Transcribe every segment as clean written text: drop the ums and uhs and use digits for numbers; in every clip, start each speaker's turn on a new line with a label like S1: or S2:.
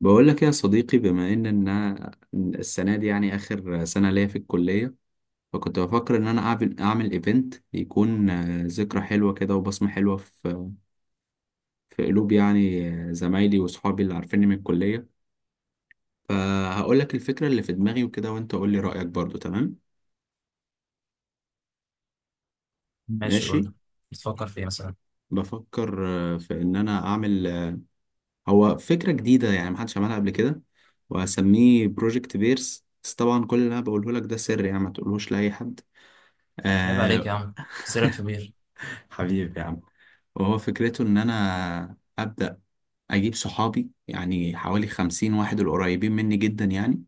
S1: بقول لك إيه يا صديقي، بما إن السنه دي يعني اخر سنه ليا في الكليه، فكنت بفكر ان انا اعمل ايفنت يكون ذكرى حلوه كده وبصمه حلوه في قلوب يعني زمايلي واصحابي اللي عارفيني من الكليه. فهقول لك الفكره اللي في دماغي وكده، وانت قول لي رايك برضو. تمام،
S2: ماشي، قول
S1: ماشي.
S2: لي. بتفكر في ايه مثلا؟
S1: بفكر في ان انا اعمل هو فكره جديده، يعني محدش عملها قبل كده، وهسميه بروجكت بيرس. بس طبعا كل اللي انا بقوله لك ده سر، يعني ما تقولوش لاي حد.
S2: عيب عليك يا
S1: آه،
S2: عم. سيرك في بير.
S1: حبيبي يا عم. وهو فكرته ان انا ابدا اجيب صحابي، يعني حوالي 50 واحد القريبين مني جدا يعني.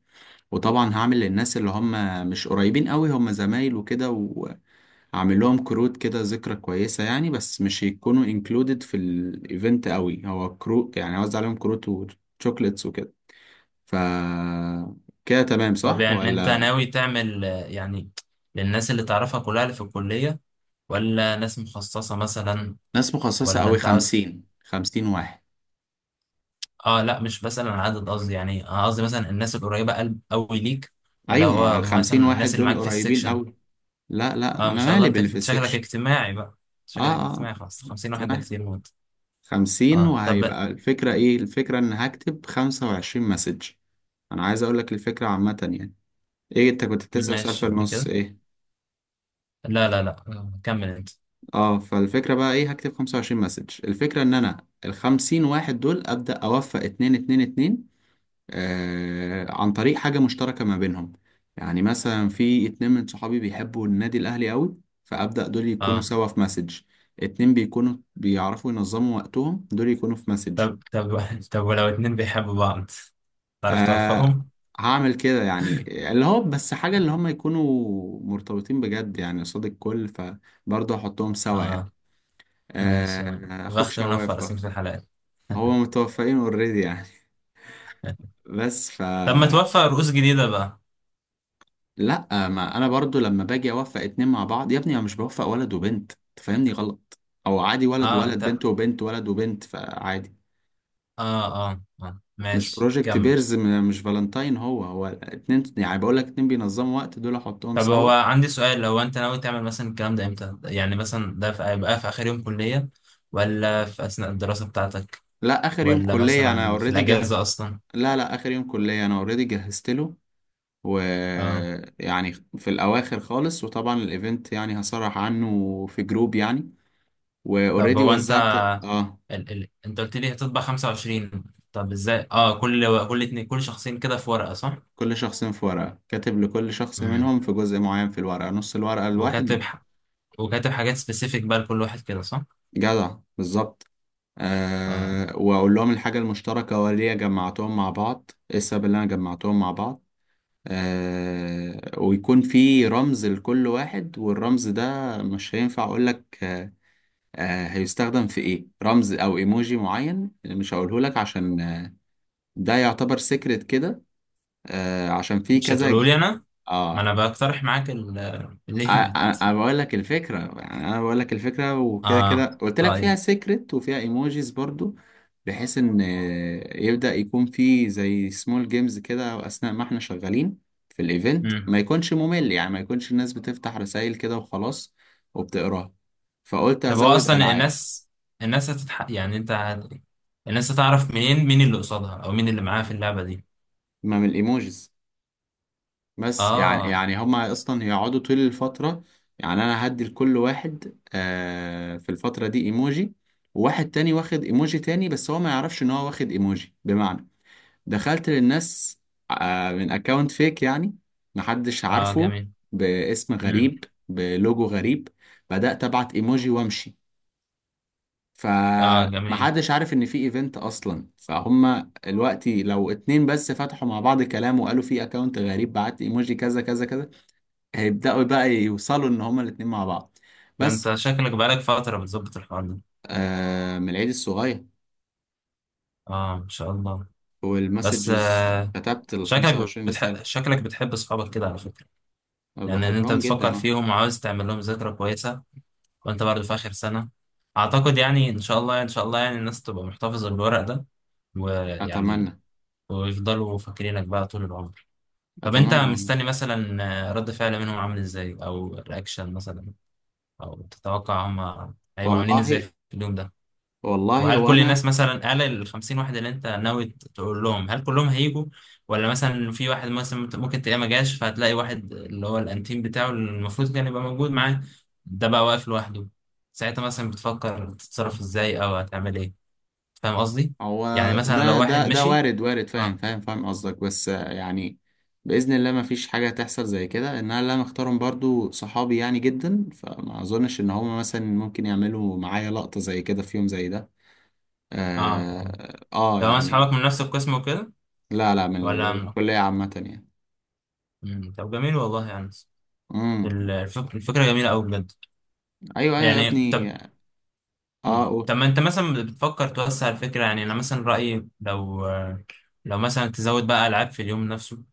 S1: وطبعا هعمل للناس اللي هم مش قريبين قوي، هم زمايل وكده، وهعمل لهم كروت كده ذكرى كويسة يعني، بس مش يكونوا انكلودد في الايفنت قوي. هو كروت يعني، اوزع عليهم كروت وشوكليتس وكده. ف كده تمام
S2: طب
S1: صح
S2: يعني انت
S1: ولا؟
S2: ناوي تعمل يعني للناس اللي تعرفها كلها اللي في الكلية، ولا ناس مخصصة مثلا؟
S1: ناس مخصصة
S2: ولا
S1: قوي،
S2: انت عاوز
S1: خمسين، خمسين واحد.
S2: اه، لا، مش بسأل عن عدد، قصدي يعني قصدي مثلا الناس القريبة قلب قوي ليك، ولا
S1: ايوه، مع
S2: هو
S1: الخمسين
S2: مثلا
S1: واحد
S2: الناس اللي
S1: دول
S2: معاك في
S1: قريبين
S2: السكشن.
S1: قوي. لا،
S2: اه، ما
S1: انا
S2: شاء الله،
S1: مالي
S2: انت
S1: باللي في
S2: كنت شكلك
S1: السكشن.
S2: اجتماعي بقى.
S1: اه،
S2: شكلك
S1: اه،
S2: اجتماعي، خلاص 50 واحد ده
S1: اجتماعي.
S2: كتير موت.
S1: 50،
S2: اه طب.
S1: وهيبقى الفكرة ايه؟ الفكرة ان هكتب 25 مسج. انا عايز اقول لك الفكرة عامة يعني. ايه، انت كنت بتسأل سؤال في
S2: ماشي، قول لي
S1: النص،
S2: كده.
S1: ايه؟
S2: لا، لا، لا، كمل انت.
S1: اه، فالفكرة بقى ايه؟ هكتب 25 مسج. الفكرة ان انا ال50 واحد دول ابدأ اوفق اتنين اتنين اتنين عن طريق حاجة مشتركة ما بينهم. يعني مثلا في اتنين من صحابي بيحبوا النادي الأهلي قوي، فأبدأ دول يكونوا
S2: اه
S1: سوا في مسج. اتنين بيكونوا بيعرفوا ينظموا وقتهم، دول يكونوا في مسج.
S2: طب. طب طب ولو اتنين بيحبوا بعض، تعرف
S1: أه،
S2: توفقهم؟
S1: هعمل كده يعني، اللي هو بس حاجة اللي هم يكونوا مرتبطين بجد يعني قصاد الكل، فبرضه هحطهم سوا يعني.
S2: اه. ماشي يا عم.
S1: أه، أخوك
S2: بخت منفع
S1: شواف
S2: رسمة
S1: برضه.
S2: في الحلقات.
S1: هو متوفقين اوريدي يعني. بس
S2: طب ما توفق رؤوس جديدة بقى.
S1: لا، ما انا برضو لما باجي اوفق اتنين مع بعض يا ابني، انا مش بوفق ولد وبنت، تفهمني غلط. او عادي ولد
S2: اه
S1: ولد، بنت
S2: انت.
S1: وبنت، ولد وبنت، فعادي.
S2: اه، اه،
S1: مش
S2: ماشي،
S1: بروجكت
S2: كمل.
S1: بيرز، مش فالنتاين. هو اتنين يعني، بقول لك اتنين بينظموا وقت دول احطهم
S2: طب هو
S1: سوا.
S2: عندي سؤال، لو انت ناوي تعمل مثلا الكلام ده امتى؟ يعني مثلا ده هيبقى في اخر يوم كلية، ولا في اثناء الدراسة بتاعتك،
S1: لا، اخر يوم
S2: ولا
S1: كلية، انا
S2: مثلا في
S1: اوريدي جه.
S2: الاجازة اصلا؟
S1: لا، اخر يوم كلية، انا اوريدي جهزت له.
S2: اه
S1: ويعني في الاواخر خالص، وطبعا الايفنت يعني هصرح عنه في جروب يعني.
S2: طب.
S1: واوريدي
S2: هو انت
S1: وزعت. اه.
S2: انت قلت لي هتطبع 25، طب ازاي؟ اه، كل اتنين، كل شخصين كده في ورقة صح؟
S1: كل شخص في ورقة، كاتب لكل شخص
S2: امم.
S1: منهم في جزء معين في الورقة، نص الورقة
S2: وكاتب
S1: الواحد.
S2: ح... وكاتب حاجات سبيسيفيك بقى لكل واحد كده صح؟
S1: جدع، بالظبط.
S2: آه.
S1: أه، وأقول لهم الحاجة المشتركة وليه جمعتهم مع بعض، إيه السبب اللي أنا جمعتهم مع بعض. أه، ويكون في رمز لكل واحد، والرمز ده مش هينفع أقولك. أه، هيستخدم في إيه رمز أو إيموجي معين مش هقوله لك، عشان ده يعتبر سيكريت كده. أه، عشان في
S2: مش
S1: كذا.
S2: هتقولوا لي انا؟ ما
S1: آه.
S2: انا بقترح معاك الايفنت.
S1: انا بقول لك الفكره يعني، انا بقول لك الفكره وكده، كده
S2: اه.
S1: قلت لك فيها
S2: طيب.
S1: سيكريت وفيها ايموجيز برضو، بحيث ان يبدا يكون في زي سمول جيمز كده اثناء ما احنا شغالين في الايفنت،
S2: مم.
S1: ما يكونش ممل يعني، ما يكونش الناس بتفتح رسائل كده وخلاص وبتقراها. فقلت
S2: طب هو
S1: ازود
S2: اصلا
S1: العاب.
S2: الناس، يعني انت الناس هتعرف منين مين اللي قصادها او مين اللي معاها في اللعبة دي؟
S1: ما من الايموجيز. بس يعني،
S2: اه.
S1: هما اصلا يقعدوا طول الفترة يعني. انا هدي لكل واحد آه في الفترة دي ايموجي، وواحد تاني واخد ايموجي تاني، بس هو ما يعرفش ان هو واخد ايموجي. بمعنى، دخلت للناس من اكونت فيك يعني، محدش
S2: اه،
S1: عارفه،
S2: جميل.
S1: باسم
S2: مم.
S1: غريب بلوجو غريب. بدأت ابعت ايموجي وامشي.
S2: اه، جميل.
S1: فمحدش عارف ان في ايفنت اصلا. فهم دلوقتي لو اتنين بس فتحوا مع بعض كلام وقالوا في اكونت غريب بعت ايموجي كذا كذا كذا، هيبدأوا بقى يوصلوا إن هما الاتنين مع بعض.
S2: ده
S1: بس
S2: انت شكلك بقالك فترة بتظبط الحوار ده.
S1: من العيد الصغير،
S2: اه، ان شاء الله. بس
S1: والمسجز كتبت ال 25 رسالة.
S2: شكلك بتحب اصحابك كده على فكرة.
S1: أنا
S2: يعني ان انت
S1: بحبهم
S2: بتفكر
S1: جدا، أه.
S2: فيهم وعاوز تعمل لهم ذكرى كويسة، وانت برضه في اخر سنة. اعتقد يعني ان شاء الله ان شاء الله يعني الناس تبقى محتفظة بالورق ده، ويعني
S1: أتمنى.
S2: ويفضلوا فاكرينك بقى طول العمر. طب انت
S1: أتمنى والله.
S2: مستني مثلا رد فعل منهم عامل ازاي، او رياكشن مثلا، او تتوقع هم هيبقوا عاملين ازاي
S1: والله.
S2: في اليوم ده؟
S1: والله
S2: وهل كل الناس
S1: وأنا.
S2: مثلا، قال ال 50 واحد اللي انت ناوي تقول لهم، هل كلهم هيجوا، ولا مثلا في واحد مثلا ممكن تلاقيه ما جاش، فهتلاقي واحد اللي هو الانتيم بتاعه اللي المفروض كان يبقى موجود معاه ده بقى واقف لوحده؟ ساعتها مثلا بتفكر تتصرف ازاي، او هتعمل ايه؟ فاهم قصدي؟ يعني
S1: هو
S2: مثلا لو
S1: ده
S2: واحد
S1: ده ده
S2: مشي.
S1: وارد، وارد. فاهم
S2: اه،
S1: فاهم فاهم قصدك، بس يعني بإذن الله ما فيش حاجة تحصل زي كده. إن أنا اللي أنا اختارهم برضو صحابي يعني جدا، فما أظنش إن هما مثلا ممكن يعملوا معايا لقطة زي كده في يوم زي ده.
S2: اه، اه،
S1: آه, آه
S2: لو
S1: يعني.
S2: اصحابك من نفس القسم وكده
S1: لا، من
S2: ولا؟
S1: الكلية عامة يعني.
S2: مم. طب جميل والله يعني.
S1: امم.
S2: الفكرة جميلة أوي بجد.
S1: ايوه، ايوه يا
S2: يعني
S1: ابني.
S2: طب.
S1: اه،
S2: مم.
S1: قول.
S2: طب ما أنت مثلا بتفكر توسع الفكرة. يعني أنا مثلا رأيي، لو مثلا تزود بقى ألعاب في اليوم نفسه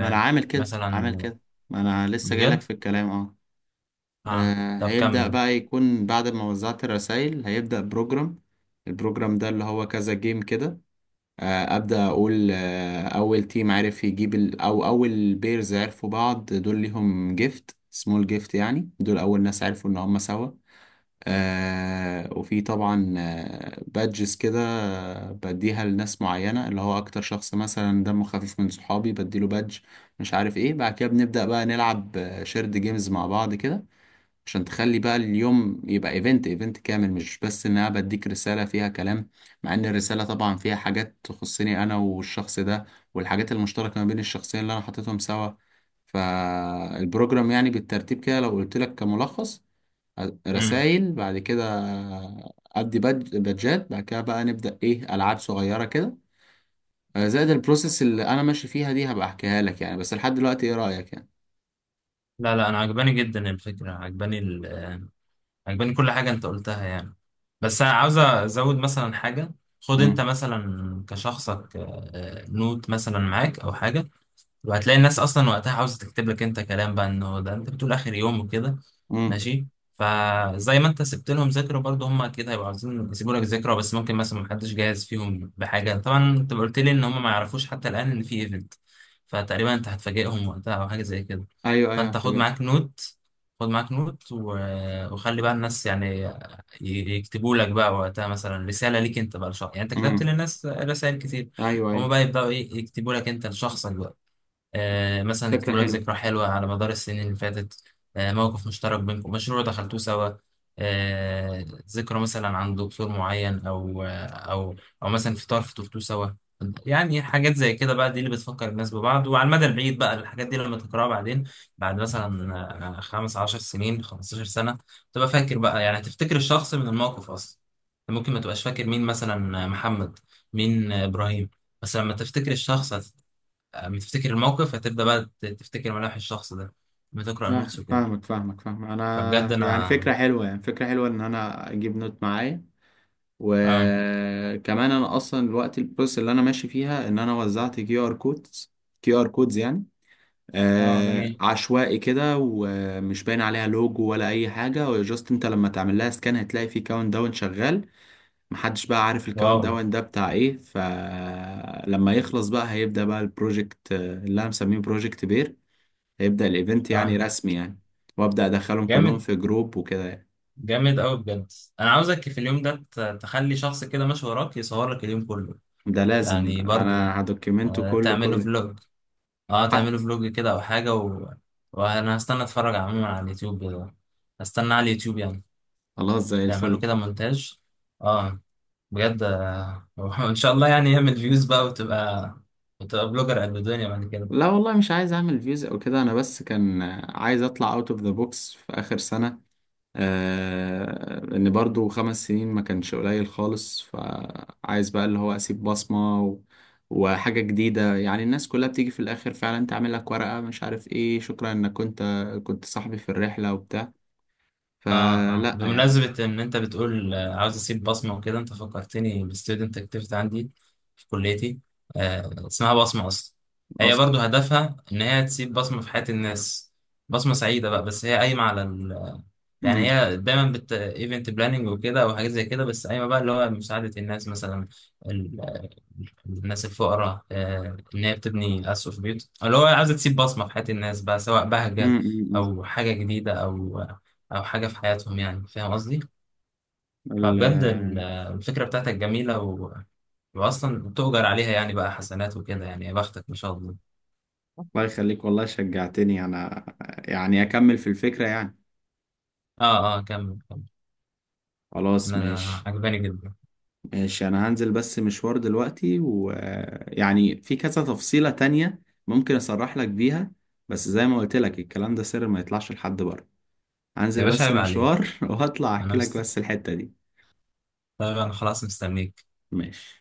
S1: ما انا عامل كده، عامل
S2: مثلا.
S1: كده. ما انا لسه جايلك
S2: بجد.
S1: في الكلام، اه.
S2: أه، طب
S1: هيبدأ
S2: كمل.
S1: بقى يكون بعد ما وزعت الرسائل، هيبدأ بروجرام. البروجرام ده اللي هو كذا جيم كده. أبدأ أقول أول تيم عرف يجيب أو أول بيرز عرفوا بعض، دول ليهم جيفت، سمول جيفت يعني. دول أول ناس عرفوا إن هما سوا. آه، وفي طبعا بادجز كده، بديها لناس معينة، اللي هو أكتر شخص مثلا دمه خفيف من صحابي بديله بادج. مش عارف ايه. بعد كده بنبدأ بقى نلعب شيرد جيمز مع بعض كده، عشان تخلي بقى اليوم يبقى ايفنت، ايفنت كامل، مش بس ان انا بديك رسالة فيها كلام، مع ان الرسالة طبعا فيها حاجات تخصني انا والشخص ده، والحاجات المشتركة ما بين الشخصين اللي انا حطيتهم سوا. فالبروجرام يعني بالترتيب كده، لو قلت لك كملخص:
S2: مم.
S1: رسائل، بعد كده ادي بادجات، بعد كده بقى نبدأ ايه، العاب صغيرة كده. زائد البروسيس اللي انا ماشي فيها دي هبقى احكيها لك يعني. بس لحد دلوقتي ايه رأيك يعني؟
S2: لا، لا، أنا عجباني جدا الفكرة، عجباني عجباني كل حاجة أنت قلتها يعني. بس أنا عاوز أزود مثلا حاجة. خد أنت
S1: امم.
S2: مثلا كشخصك نوت مثلا معاك أو حاجة، وهتلاقي الناس اصلا وقتها عاوزه تكتب لك انت كلام بقى، انه ده انت بتقول اخر يوم وكده.
S1: امم.
S2: ماشي؟ فزي ما انت سبت لهم ذكرى، برضه هم اكيد هيبقوا عاوزين يسيبوا لك ذكرى، بس ممكن مثلا محدش جاهز فيهم بحاجه، طبعا انت قلت لي ان هم ما يعرفوش حتى الان ان في ايفنت، فتقريبا انت هتفاجئهم وقتها او حاجه زي كده.
S1: ايوه، ايوه
S2: فانت خد
S1: فاجأت.
S2: معاك نوت، خد معاك نوت و... وخلي بقى الناس يعني يكتبوا لك بقى وقتها مثلا رساله ليك انت بقى لشخص. يعني انت كتبت
S1: امم.
S2: للناس رسائل كتير،
S1: ايوه،
S2: هما
S1: ايوه،
S2: بقى يبداوا ايه، يكتبوا لك انت لشخصك بقى. مثلا
S1: فكرة
S2: يكتبوا لك
S1: حلوة.
S2: ذكرى حلوة على مدار السنين اللي فاتت، موقف مشترك بينكم، مشروع دخلتوه سوا، ذكرى مثلا عن دكتور معين، أو أو أو مثلا فطار فطرتوه سوا. يعني حاجات زي كده بقى، دي اللي بتفكر الناس ببعض، وعلى المدى البعيد بقى الحاجات دي لما تقراها بعدين، بعد مثلا 15 سنين، 15 سنة، تبقى فاكر بقى. يعني تفتكر الشخص من الموقف أصلا. ممكن ما تبقاش فاكر مين مثلا محمد، مين إبراهيم، بس لما تفتكر الشخص، اما تفتكر الموقف، هتبدأ بقى تفتكر ملامح الشخص ده، بتقرأ نوتس
S1: فاهم-
S2: وكده.
S1: فاهمك فاهمك فاهم
S2: فبجد
S1: انا يعني،
S2: انا.
S1: فكرة حلوة يعني، فكرة حلوة ان انا اجيب نوت معايا.
S2: اه،
S1: وكمان انا اصلا الوقت البروسيس اللي انا ماشي فيها ان انا وزعت كيو ار كودز. كيو ار كودز يعني
S2: اه، جميل.
S1: عشوائي كده، ومش باين عليها لوجو ولا اي حاجه. جاست انت لما تعمل لها سكان هتلاقي في كاونت داون شغال. محدش بقى عارف الكاونت
S2: واو.
S1: داون ده بتاع ايه. فلما يخلص بقى، هيبدا بقى البروجكت اللي انا مسميه بروجكت بير. هيبدا الايفنت يعني
S2: اه،
S1: رسمي يعني، وابدا ادخلهم كلهم
S2: جامد.
S1: في جروب وكده يعني.
S2: جامد قوي بجد. انا عاوزك في اليوم ده تخلي شخص كده ماشي وراك يصور لك اليوم كله
S1: ده لازم،
S2: يعني. برضه
S1: انا هدوكيمنته
S2: آه،
S1: كله
S2: تعمله
S1: كله
S2: فلوج. اه،
S1: حق.
S2: تعمله فلوج كده او حاجة، و... وانا هستنى اتفرج عموما على اليوتيوب كده. هستنى على اليوتيوب يعني.
S1: خلاص، زي
S2: تعمله
S1: الفل.
S2: كده مونتاج. اه. بجد وان شاء الله يعني يعمل فيوز بقى، وتبقى وتبقى بلوجر قد الدنيا بعد كده.
S1: لا والله، مش عايز اعمل فيوز او كده. انا بس كان عايز اطلع اوت اوف ذا بوكس في اخر سنه. لأن برضو 5 سنين ما كانش قليل خالص، فعايز بقى اللي هو أسيب بصمة و... وحاجة جديدة يعني. الناس كلها بتيجي في الآخر فعلا تعمل لك ورقة مش عارف إيه، شكرا إنك كنت صاحبي في الرحلة وبتاع.
S2: اه، اه،
S1: فلا يعني.
S2: بمناسبة ان انت بتقول عاوز اسيب بصمة وكده، انت فكرتني بستودنت اكتيفيتي عندي في كليتي، اسمها بصمة اصلا. هي
S1: أصلا.
S2: برضو هدفها ان هي تسيب بصمة في حياة الناس، بصمة سعيدة بقى. بس هي قايمة على، يعني
S1: مم.
S2: هي دايما بت ايفنت بلاننج وكده او حاجات زي كده، بس قايمه بقى اللي هو مساعده الناس مثلا ال... الناس الفقراء، ان هي بتبني اسقف بيوت، أو اللي هو عايزه تسيب بصمه في حياه الناس بقى، سواء
S1: مم،
S2: بهجه،
S1: مم، مم.
S2: او حاجه جديده، او او حاجه في حياتهم. يعني فاهم قصدي؟
S1: ال...
S2: فبجد الفكره بتاعتك جميله، و... واصلا تؤجر عليها يعني بقى، حسنات وكده يعني. يا بختك ما شاء الله.
S1: الله يخليك والله، شجعتني أنا يعني أكمل في الفكرة يعني.
S2: اه، اه، كمل كمل.
S1: خلاص،
S2: انا
S1: ماشي.
S2: عجباني جدا.
S1: ماشي، انا هنزل بس مشوار دلوقتي، ويعني في كذا تفصيلة تانية ممكن اصرح لك بيها. بس زي ما قلت لك الكلام ده سر، ما يطلعش لحد بره.
S2: يا
S1: هنزل
S2: باشا
S1: بس
S2: عيب عليك.
S1: مشوار وهطلع
S2: انا
S1: احكي لك بس الحتة دي.
S2: طيب انا خلاص مستنيك.
S1: ماشي.